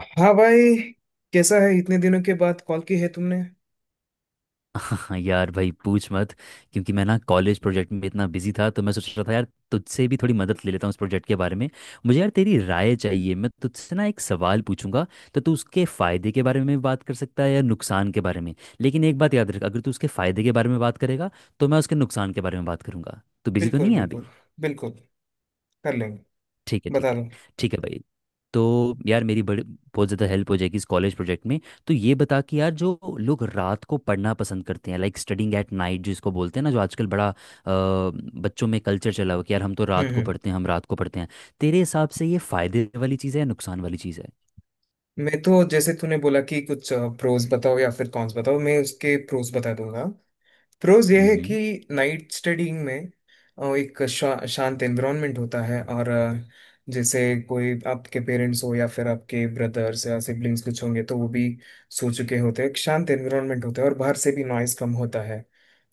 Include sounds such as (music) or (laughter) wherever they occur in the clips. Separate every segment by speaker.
Speaker 1: हाँ भाई। कैसा है? इतने दिनों के बाद कॉल की है तुमने।
Speaker 2: हाँ यार भाई, पूछ मत। क्योंकि मैं ना कॉलेज प्रोजेक्ट में इतना बिजी था, तो मैं सोच रहा था यार तुझसे भी थोड़ी मदद ले लेता हूँ इस प्रोजेक्ट के बारे में। मुझे यार तेरी राय चाहिए, मैं तुझसे ना एक सवाल पूछूंगा। तो तू उसके फ़ायदे के बारे में बात कर सकता है या नुकसान के बारे में। लेकिन एक बात याद रख, अगर तू उसके फ़ायदे के बारे में बात करेगा तो मैं उसके नुकसान के बारे में बात करूंगा। तू बिजी तो
Speaker 1: बिल्कुल
Speaker 2: नहीं है
Speaker 1: बिल्कुल।
Speaker 2: अभी?
Speaker 1: बिल्कुल। कर लेंगे।
Speaker 2: ठीक है, ठीक
Speaker 1: बता
Speaker 2: है।
Speaker 1: दो।
Speaker 2: ठीक है भाई। तो यार मेरी बड़ी, बहुत ज़्यादा हेल्प हो जाएगी इस कॉलेज प्रोजेक्ट में। तो ये बता कि यार, जो लोग रात को पढ़ना पसंद करते हैं, लाइक स्टडिंग एट नाइट जिसको बोलते हैं ना, जो आजकल बड़ा बच्चों में कल्चर चला हुआ है कि यार हम तो
Speaker 1: हम्म।
Speaker 2: रात को
Speaker 1: हम्म।
Speaker 2: पढ़ते हैं, हम रात को पढ़ते हैं। तेरे हिसाब से ये फ़ायदे वाली चीज़ है या नुकसान वाली चीज़ है?
Speaker 1: मैं तो जैसे तूने बोला कि कुछ प्रोज बताओ या फिर कॉन्स बताओ, मैं उसके प्रोज बता दूंगा। प्रोज यह है
Speaker 2: हम्म
Speaker 1: कि नाइट स्टडीइंग में एक शांत एनवायरनमेंट होता है। और जैसे कोई आपके पेरेंट्स हो या फिर आपके ब्रदर्स या सिबलिंग्स कुछ होंगे तो वो भी सो चुके होते हैं। एक शांत एनवायरनमेंट होता है, और बाहर से भी नॉइस कम होता है।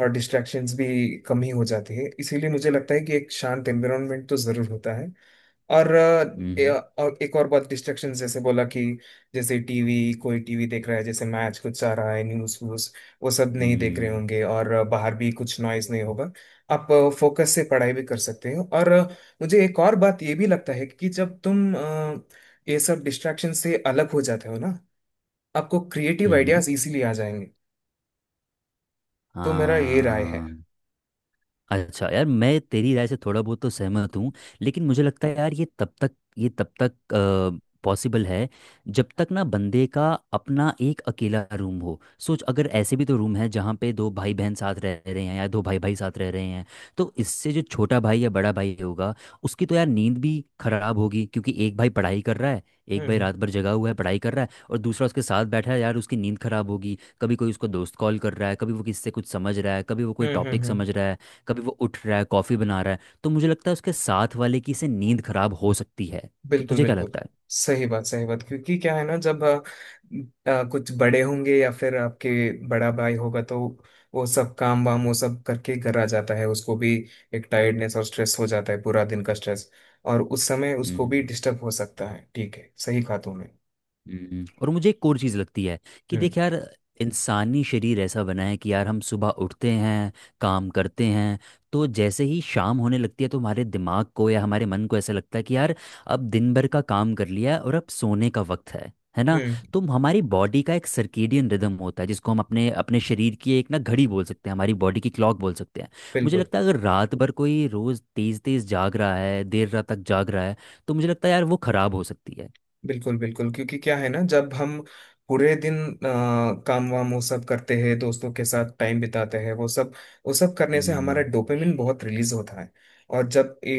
Speaker 1: और डिस्ट्रैक्शंस भी कम ही हो जाती है, इसीलिए मुझे लगता है कि एक शांत एनवायरनमेंट तो ज़रूर होता है। और
Speaker 2: हम्म।
Speaker 1: और एक और बहुत डिस्ट्रेक्शन, जैसे बोला कि जैसे टीवी, कोई टीवी देख रहा है, जैसे मैच कुछ आ रहा है, न्यूज़ व्यूज, वो सब नहीं देख रहे
Speaker 2: हम्म
Speaker 1: होंगे। और बाहर भी कुछ नॉइज नहीं होगा। आप फोकस से पढ़ाई भी कर सकते हो। और मुझे एक और बात ये भी लगता है कि जब तुम ये सब डिस्ट्रैक्शन से अलग हो जाते हो ना, आपको creative
Speaker 2: hmm hmm,
Speaker 1: ideas easily आ जाएंगे। तो मेरा ये राय है।
Speaker 2: हाँ। अच्छा यार, मैं तेरी राय से थोड़ा बहुत तो सहमत हूँ। लेकिन मुझे लगता है यार, ये तब तक पॉसिबल है जब तक ना बंदे का अपना एक अकेला रूम हो। सोच, अगर ऐसे भी तो रूम है जहाँ पे दो भाई बहन साथ रह रहे हैं या दो भाई भाई साथ रह रहे हैं, तो इससे जो छोटा भाई या बड़ा भाई होगा उसकी तो यार नींद भी खराब होगी। क्योंकि एक भाई पढ़ाई कर रहा है, एक भाई
Speaker 1: हम्म।
Speaker 2: रात भर जगा हुआ है पढ़ाई कर रहा है और दूसरा उसके साथ बैठा है, यार उसकी नींद खराब होगी। कभी कोई उसको दोस्त कॉल कर रहा है, कभी वो किससे कुछ समझ रहा है, कभी वो कोई
Speaker 1: हम्म। हम्म।
Speaker 2: टॉपिक
Speaker 1: हम्म।
Speaker 2: समझ रहा है, कभी वो उठ रहा है कॉफ़ी बना रहा है। तो मुझे लगता है उसके साथ वाले की से नींद खराब हो सकती है। कि
Speaker 1: बिल्कुल
Speaker 2: तुझे क्या
Speaker 1: बिल्कुल।
Speaker 2: लगता
Speaker 1: सही बात, सही बात। क्योंकि क्या है ना, जब कुछ बड़े होंगे या फिर आपके बड़ा भाई होगा तो वो सब काम वाम वो सब करके घर आ जाता है। उसको भी एक टायर्डनेस और स्ट्रेस हो जाता है, पूरा दिन का स्ट्रेस। और उस समय
Speaker 2: है?
Speaker 1: उसको भी डिस्टर्ब हो सकता है। ठीक है, सही कहा तुमने।
Speaker 2: और मुझे एक और चीज़ लगती है कि
Speaker 1: हम्म।
Speaker 2: देख यार, इंसानी शरीर ऐसा बना है कि यार हम सुबह उठते हैं, काम करते हैं, तो जैसे ही शाम होने लगती है तो हमारे दिमाग को या हमारे मन को ऐसा लगता है कि यार अब दिन भर का काम कर लिया है और अब सोने का वक्त है ना?
Speaker 1: हम्म।
Speaker 2: तो हमारी बॉडी का एक सर्केडियन रिदम होता है, जिसको हम अपने अपने शरीर की एक ना घड़ी बोल सकते हैं, हमारी बॉडी की क्लॉक बोल सकते हैं। मुझे
Speaker 1: बिल्कुल
Speaker 2: लगता है अगर रात भर कोई रोज़ तेज़ तेज़ जाग रहा है, देर रात तक जाग रहा है, तो मुझे लगता है यार वो ख़राब हो सकती है।
Speaker 1: बिल्कुल बिल्कुल। क्योंकि क्या है ना, जब हम पूरे दिन काम वाम वो सब करते हैं, दोस्तों के साथ टाइम बिताते हैं, वो सब करने से हमारा
Speaker 2: हम्म
Speaker 1: डोपामिन बहुत रिलीज होता है। और जब ए,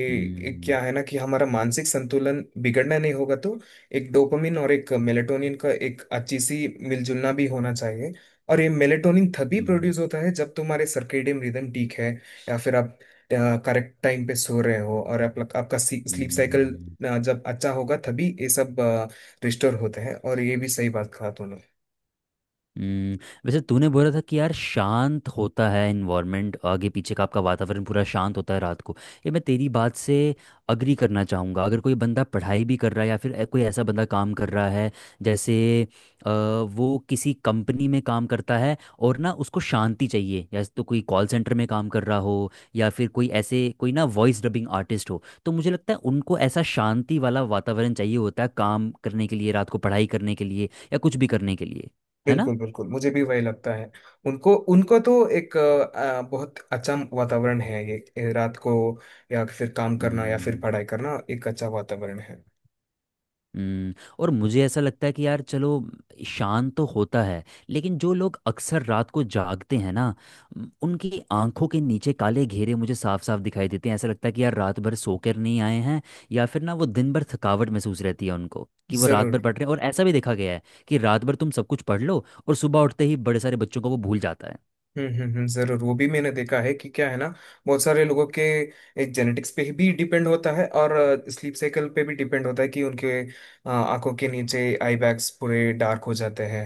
Speaker 1: ए,
Speaker 2: हम्म।
Speaker 1: क्या है ना कि हमारा मानसिक संतुलन बिगड़ना नहीं होगा, तो एक डोपामिन और एक मेलेटोनिन का एक अच्छी सी मिलजुलना भी होना चाहिए। और ये मेलेटोनिन तभी
Speaker 2: हम्म
Speaker 1: प्रोड्यूस होता है जब तुम्हारे सर्केडियन रिदम ठीक है। या फिर आप करेक्ट टाइम पे सो रहे हो, और आपका स्लीप साइकिल
Speaker 2: हम्म
Speaker 1: ना जब अच्छा होगा तभी ये सब रिस्टोर होते हैं। और ये भी सही बात कहा तूने।
Speaker 2: हम्म, वैसे तूने बोला था कि यार शांत होता है इन्वायरमेंट, आगे पीछे का आपका वातावरण पूरा शांत होता है रात को। ये मैं तेरी बात से अग्री करना चाहूँगा। अगर कोई बंदा पढ़ाई भी कर रहा है या फिर ए- कोई ऐसा बंदा काम कर रहा है, जैसे वो किसी कंपनी में काम करता है और ना उसको शांति चाहिए, या तो कोई कॉल सेंटर में काम कर रहा हो या फिर कोई ऐसे कोई ना वॉइस डबिंग आर्टिस्ट हो, तो मुझे लगता है उनको ऐसा शांति वाला वातावरण चाहिए होता है काम करने के लिए, रात को पढ़ाई करने के लिए या कुछ भी करने के लिए। है ना?
Speaker 1: बिल्कुल बिल्कुल, मुझे भी वही लगता है। उनको उनको तो एक बहुत अच्छा वातावरण है। ये रात को, या फिर काम करना या फिर
Speaker 2: हम्म,
Speaker 1: पढ़ाई करना, एक अच्छा वातावरण है।
Speaker 2: हम्म, और मुझे ऐसा लगता है कि यार चलो शांत तो होता है, लेकिन जो लोग अक्सर रात को जागते हैं ना, उनकी आंखों के नीचे काले घेरे मुझे साफ साफ दिखाई देते हैं। ऐसा लगता है कि यार रात भर सोकर नहीं आए हैं, या फिर ना वो दिन भर थकावट महसूस रहती है उनको कि वो रात भर
Speaker 1: जरूर।
Speaker 2: पढ़ रहे हैं। और ऐसा भी देखा गया है कि रात भर तुम सब कुछ पढ़ लो और सुबह उठते ही बड़े सारे बच्चों को वो भूल जाता है।
Speaker 1: हम्म। हम्म। हम्म। जरूर, वो भी मैंने देखा है। कि क्या है ना, बहुत सारे लोगों के एक जेनेटिक्स पे भी डिपेंड होता है, और स्लीप साइकिल पे भी डिपेंड होता है, कि उनके आंखों के नीचे आई बैग्स पूरे डार्क हो जाते हैं।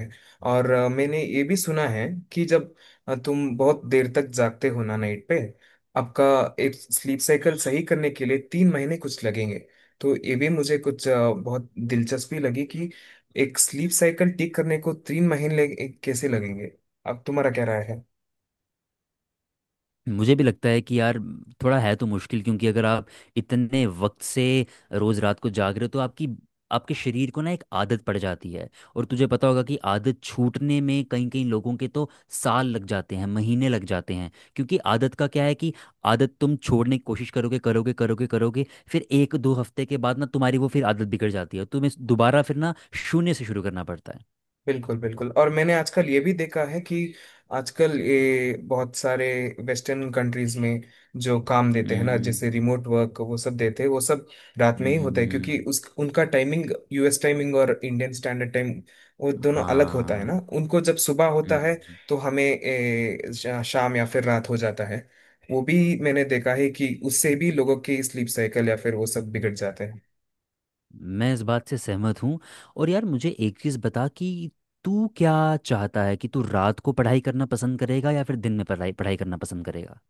Speaker 1: और मैंने ये भी सुना है कि जब तुम बहुत देर तक जागते हो ना नाइट पे, आपका एक स्लीप साइकिल सही करने के लिए 3 महीने कुछ लगेंगे। तो ये भी मुझे कुछ बहुत दिलचस्पी लगी कि एक स्लीप साइकिल ठीक करने को 3 महीने कैसे लगेंगे। अब तुम्हारा क्या राय है?
Speaker 2: मुझे भी लगता है कि यार थोड़ा है तो मुश्किल, क्योंकि अगर आप इतने वक्त से रोज रात को जाग रहे हो तो आपकी आपके शरीर को ना एक आदत पड़ जाती है। और तुझे पता होगा कि आदत छूटने में कई कई लोगों के तो साल लग जाते हैं, महीने लग जाते हैं। क्योंकि आदत का क्या है कि आदत तुम छोड़ने की कोशिश करोगे करोगे करोगे करोगे, फिर एक दो हफ्ते के बाद ना तुम्हारी वो फिर आदत बिगड़ जाती है, तुम्हें दोबारा फिर ना शून्य से शुरू करना पड़ता है।
Speaker 1: बिल्कुल बिल्कुल। और मैंने आजकल ये भी देखा है कि आजकल ये बहुत सारे वेस्टर्न कंट्रीज में जो काम देते हैं ना,
Speaker 2: हम्म
Speaker 1: जैसे रिमोट वर्क वो सब देते हैं, वो सब रात में ही होता है। क्योंकि
Speaker 2: हम्म,
Speaker 1: उस उनका टाइमिंग, यूएस टाइमिंग और इंडियन स्टैंडर्ड टाइम, वो दोनों अलग होता है
Speaker 2: हाँ।
Speaker 1: ना। उनको जब सुबह होता है,
Speaker 2: हम्म।
Speaker 1: तो हमें शाम या फिर रात हो जाता है। वो भी मैंने देखा है कि उससे भी लोगों की स्लीप साइकिल या फिर वो सब बिगड़ जाते हैं।
Speaker 2: मैं इस बात से सहमत हूँ। और यार मुझे एक चीज़ बता कि तू क्या चाहता है, कि तू रात को पढ़ाई करना पसंद करेगा या फिर दिन में पढ़ाई पढ़ाई करना पसंद करेगा?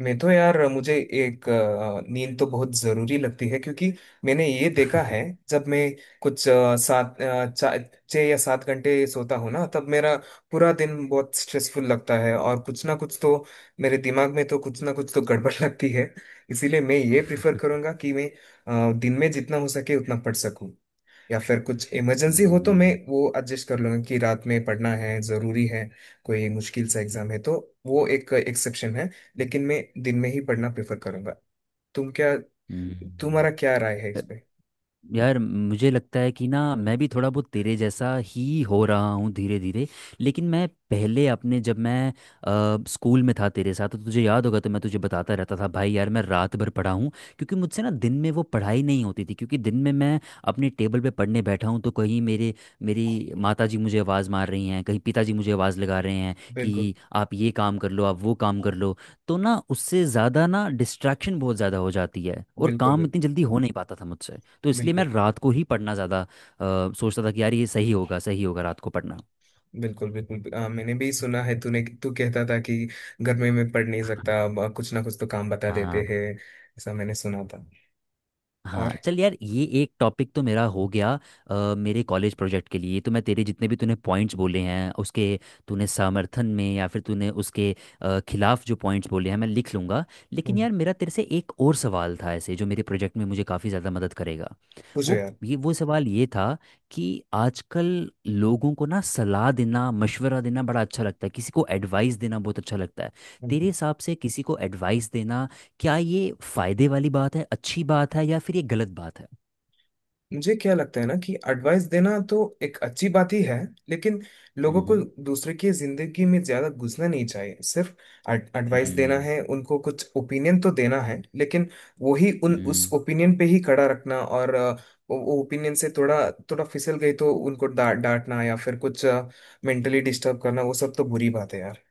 Speaker 1: मैं तो यार, मुझे एक नींद तो बहुत जरूरी लगती है, क्योंकि मैंने ये देखा है, जब मैं कुछ 6 या 7 घंटे सोता हूँ ना, तब मेरा पूरा दिन बहुत स्ट्रेसफुल लगता है, और कुछ ना कुछ तो, मेरे दिमाग में तो कुछ ना कुछ तो गड़बड़ (laughs) लगती है। इसीलिए मैं ये प्रिफर करूंगा कि मैं दिन में जितना हो सके उतना पढ़ सकूं। या फिर कुछ इमरजेंसी हो तो मैं
Speaker 2: हम्म।
Speaker 1: वो एडजस्ट कर लूंगा कि रात में पढ़ना है, ज़रूरी है। कोई मुश्किल सा एग्ज़ाम है तो वो एक एक्सेप्शन है। लेकिन मैं दिन में ही पढ़ना प्रेफर करूंगा। तुम क्या
Speaker 2: हम्म।
Speaker 1: तुम्हारा क्या राय है इस पे?
Speaker 2: यार मुझे लगता है कि ना मैं भी थोड़ा बहुत तेरे जैसा ही हो रहा हूँ धीरे धीरे। लेकिन मैं पहले अपने जब मैं स्कूल में था तेरे साथ, तो तुझे याद होगा, तो मैं तुझे बताता रहता था भाई यार मैं रात भर पढ़ा हूँ। क्योंकि मुझसे ना दिन में वो पढ़ाई नहीं होती थी, क्योंकि दिन में मैं अपने टेबल पे पढ़ने बैठा हूँ तो कहीं मेरे मेरी माता जी मुझे आवाज़ मार रही हैं, कहीं पिताजी मुझे आवाज़ लगा रहे हैं,
Speaker 1: बिल्कुल
Speaker 2: कि आप ये काम कर लो, आप वो काम कर लो। तो ना उससे ज़्यादा ना डिस्ट्रैक्शन बहुत ज़्यादा हो जाती है और
Speaker 1: बिल्कुल
Speaker 2: काम
Speaker 1: बिल्कुल।
Speaker 2: इतनी जल्दी हो नहीं पाता था मुझसे। तो इसलिए मैं रात को ही पढ़ना ज़्यादा सोचता था कि यार ये सही होगा, सही होगा रात को पढ़ना।
Speaker 1: बिल्कुल बिल्कुल बिल्कुल। मैंने भी सुना है, तूने, तू कहता था कि घर में मैं पढ़ नहीं सकता, अब कुछ ना कुछ तो काम बता देते
Speaker 2: हाँ।
Speaker 1: हैं। ऐसा मैंने सुना था।
Speaker 2: हाँ
Speaker 1: और।
Speaker 2: चल यार, ये एक टॉपिक तो मेरा हो गया। मेरे कॉलेज प्रोजेक्ट के लिए तो मैं तेरे जितने भी तूने पॉइंट्स बोले हैं उसके, तूने समर्थन में या फिर तूने उसके खिलाफ जो पॉइंट्स बोले हैं मैं लिख लूँगा। लेकिन
Speaker 1: हम्म,
Speaker 2: यार मेरा तेरे से एक और सवाल था, ऐसे जो मेरे प्रोजेक्ट में मुझे काफ़ी ज़्यादा मदद करेगा।
Speaker 1: पूछो
Speaker 2: वो
Speaker 1: यार।
Speaker 2: ये वो सवाल ये था कि आजकल लोगों को ना सलाह देना, मशवरा देना बड़ा अच्छा लगता है, किसी को एडवाइस देना बहुत अच्छा लगता है। तेरे हिसाब से किसी को एडवाइस देना, क्या ये फायदे वाली बात है, अच्छी बात है, या फिर ये गलत बात है?
Speaker 1: मुझे क्या लगता है ना, कि एडवाइस देना तो एक अच्छी बात ही है। लेकिन लोगों को
Speaker 2: हम्म
Speaker 1: दूसरे की जिंदगी में ज्यादा घुसना नहीं चाहिए, सिर्फ एडवाइस देना
Speaker 2: हम्म,
Speaker 1: है, उनको कुछ ओपिनियन तो देना है। लेकिन वही उन उस
Speaker 2: हम्म।
Speaker 1: ओपिनियन पे ही खड़ा रखना, और वो ओपिनियन से थोड़ा थोड़ा फिसल गई तो उनको डांटना या फिर कुछ मेंटली डिस्टर्ब करना, वो सब तो बुरी बात है यार।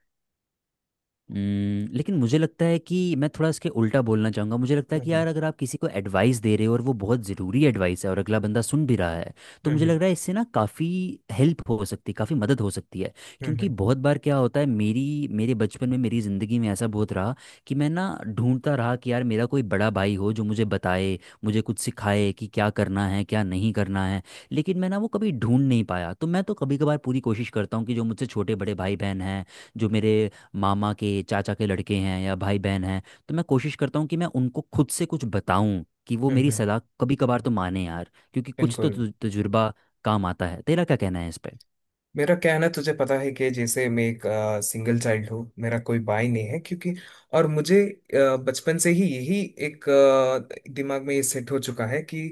Speaker 2: लेकिन मुझे लगता है कि मैं थोड़ा इसके उल्टा बोलना चाहूँगा। मुझे लगता है कि
Speaker 1: हम्म।
Speaker 2: यार अगर आप किसी को एडवाइस दे रहे हो और वो बहुत ज़रूरी एडवाइस है और अगला बंदा सुन भी रहा है, तो
Speaker 1: हम्म।
Speaker 2: मुझे
Speaker 1: हम्म।
Speaker 2: लग रहा है इससे ना काफ़ी हेल्प हो सकती है, काफ़ी मदद हो सकती है।
Speaker 1: हम्म।
Speaker 2: क्योंकि
Speaker 1: हम्म।
Speaker 2: बहुत बार क्या होता है, मेरी मेरे बचपन में मेरी ज़िंदगी में ऐसा बहुत रहा कि मैं ना ढूंढता रहा कि यार मेरा कोई बड़ा भाई हो जो मुझे बताए, मुझे कुछ सिखाए कि क्या करना है क्या नहीं करना है। लेकिन मैं ना वो कभी ढूंढ नहीं पाया। तो मैं तो कभी कभार पूरी कोशिश करता हूँ कि जो मुझसे छोटे बड़े भाई बहन हैं, जो मेरे मामा के चाचा के लड़के हैं या भाई बहन हैं, तो मैं कोशिश करता हूँ कि मैं उनको खुद से कुछ बताऊं, कि वो
Speaker 1: हम्म।
Speaker 2: मेरी
Speaker 1: हम्म।
Speaker 2: सलाह कभी कभार तो माने यार, क्योंकि कुछ तो
Speaker 1: बिल्कुल।
Speaker 2: तु- तजुर्बा काम आता है। तेरा क्या कहना है इस पे?
Speaker 1: मेरा क्या है ना, तुझे पता है कि जैसे मैं एक सिंगल चाइल्ड हूँ, मेरा कोई भाई नहीं है क्योंकि। और मुझे बचपन से ही यही एक दिमाग में ये सेट हो चुका है कि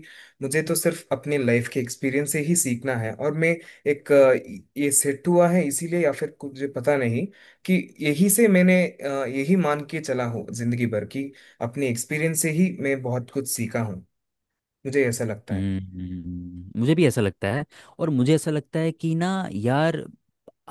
Speaker 1: मुझे तो सिर्फ अपने लाइफ के एक्सपीरियंस से ही सीखना है। और मैं एक ये सेट हुआ है इसीलिए, या फिर कुछ मुझे पता नहीं, कि यही से मैंने यही मान के चला हूँ जिंदगी भर की। अपने एक्सपीरियंस से ही मैं बहुत कुछ सीखा हूँ, मुझे ऐसा लगता है।
Speaker 2: मुझे भी ऐसा लगता है। और मुझे ऐसा लगता है कि ना यार,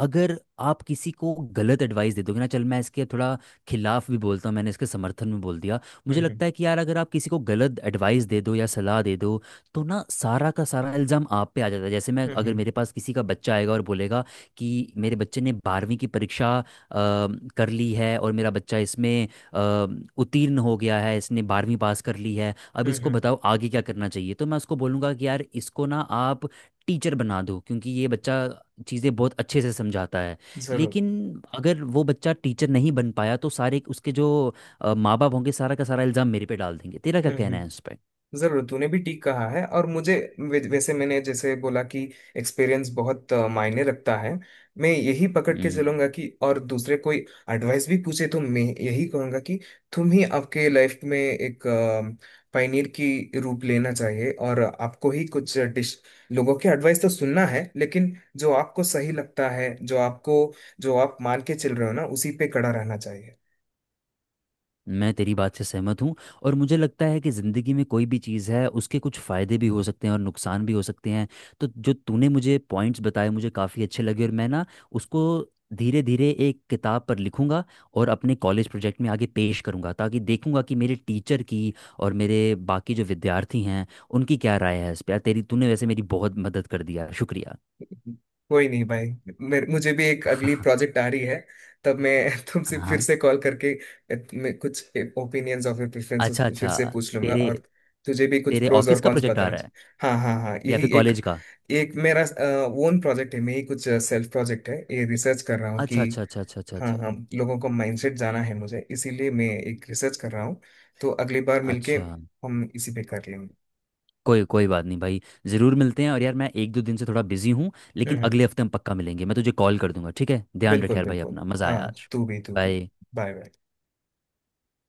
Speaker 2: अगर आप किसी को गलत एडवाइस दे दोगे ना, चल मैं इसके थोड़ा खिलाफ भी बोलता हूँ, मैंने इसके समर्थन में बोल दिया। मुझे
Speaker 1: हम्म।
Speaker 2: लगता है कि यार अगर आप किसी को गलत एडवाइस दे दो या सलाह दे दो, तो ना सारा का सारा इल्ज़ाम आप पे आ जाता है। जैसे मैं,
Speaker 1: हम्म।
Speaker 2: अगर
Speaker 1: हम्म।
Speaker 2: मेरे पास किसी का बच्चा आएगा और बोलेगा कि मेरे बच्चे ने बारहवीं की परीक्षा कर ली है और मेरा बच्चा इसमें अ, उत्तीर्ण हो गया है, इसने बारहवीं पास कर ली है, अब
Speaker 1: हम्म।
Speaker 2: इसको
Speaker 1: हम्म।
Speaker 2: बताओ आगे क्या करना चाहिए, तो मैं उसको बोलूँगा कि यार इसको ना आप टीचर बना दो, क्योंकि ये बच्चा चीज़ें बहुत अच्छे से समझाता है।
Speaker 1: जरूर।
Speaker 2: लेकिन अगर वो बच्चा टीचर नहीं बन पाया तो सारे उसके जो माँ बाप होंगे, सारा का सारा इल्ज़ाम मेरे पे डाल देंगे। तेरा क्या
Speaker 1: हम्म।
Speaker 2: कहना है उस
Speaker 1: हम्म। जरूर, तूने भी ठीक कहा है। और मुझे वैसे मैंने जैसे बोला कि एक्सपीरियंस बहुत मायने रखता है। मैं यही पकड़
Speaker 2: पर?
Speaker 1: के चलूंगा कि, और दूसरे कोई एडवाइस भी पूछे तो मैं यही कहूंगा कि तुम ही आपके लाइफ में एक पायनियर की रूप लेना चाहिए। और आपको ही कुछ डिश, लोगों के एडवाइस तो सुनना है, लेकिन जो आपको सही लगता है, जो आप मान के चल रहे हो ना, उसी पे कड़ा रहना चाहिए।
Speaker 2: मैं तेरी बात से सहमत हूँ। और मुझे लगता है कि ज़िंदगी में कोई भी चीज़ है उसके कुछ फ़ायदे भी हो सकते हैं और नुकसान भी हो सकते हैं। तो जो तूने मुझे पॉइंट्स बताए मुझे काफ़ी अच्छे लगे, और मैं ना उसको धीरे धीरे एक किताब पर लिखूंगा और अपने कॉलेज प्रोजेक्ट में आगे पेश करूंगा, ताकि देखूंगा कि मेरे टीचर की और मेरे बाकी जो विद्यार्थी हैं उनकी क्या राय है इस पर। तेरी, तूने वैसे मेरी बहुत मदद कर दिया, शुक्रिया।
Speaker 1: कोई नहीं भाई। मेरे मुझे भी एक अगली
Speaker 2: (laughs)
Speaker 1: प्रोजेक्ट आ रही है। तब मैं (laughs) तुमसे फिर
Speaker 2: हाँ।
Speaker 1: से कॉल करके मैं कुछ ओपिनियंस और प्रेफरेंसेस
Speaker 2: अच्छा
Speaker 1: फिर
Speaker 2: अच्छा।
Speaker 1: से पूछ लूंगा।
Speaker 2: तेरे
Speaker 1: और तुझे भी कुछ
Speaker 2: तेरे
Speaker 1: प्रोज और
Speaker 2: ऑफिस का
Speaker 1: कॉन्स
Speaker 2: प्रोजेक्ट आ
Speaker 1: बताना
Speaker 2: रहा है
Speaker 1: चाहिए, हाँ हाँ हाँ,
Speaker 2: या
Speaker 1: यही
Speaker 2: फिर
Speaker 1: एक।
Speaker 2: कॉलेज का?
Speaker 1: एक मेरा ओन प्रोजेक्ट है, मेरी कुछ सेल्फ प्रोजेक्ट है, ये रिसर्च कर रहा हूँ कि।
Speaker 2: अच्छा अच्छा अच्छा अच्छा अच्छा
Speaker 1: हाँ
Speaker 2: अच्छा
Speaker 1: हाँ, लोगों को माइंडसेट जाना है मुझे, इसीलिए मैं एक रिसर्च कर रहा हूँ। तो अगली बार मिलके
Speaker 2: अच्छा।
Speaker 1: हम इसी पे कर लेंगे।
Speaker 2: कोई कोई बात नहीं भाई, ज़रूर मिलते हैं। और यार मैं एक दो दिन से थोड़ा बिजी हूँ,
Speaker 1: हम्म
Speaker 2: लेकिन
Speaker 1: हम्म,
Speaker 2: अगले हफ्ते हम पक्का मिलेंगे, मैं तुझे कॉल कर दूंगा। ठीक है, ध्यान रख
Speaker 1: बिल्कुल
Speaker 2: यार भाई
Speaker 1: बिल्कुल।
Speaker 2: अपना, मज़ा आया
Speaker 1: हाँ
Speaker 2: आज।
Speaker 1: तू भी, तू भी।
Speaker 2: बाय।
Speaker 1: Bye, bye.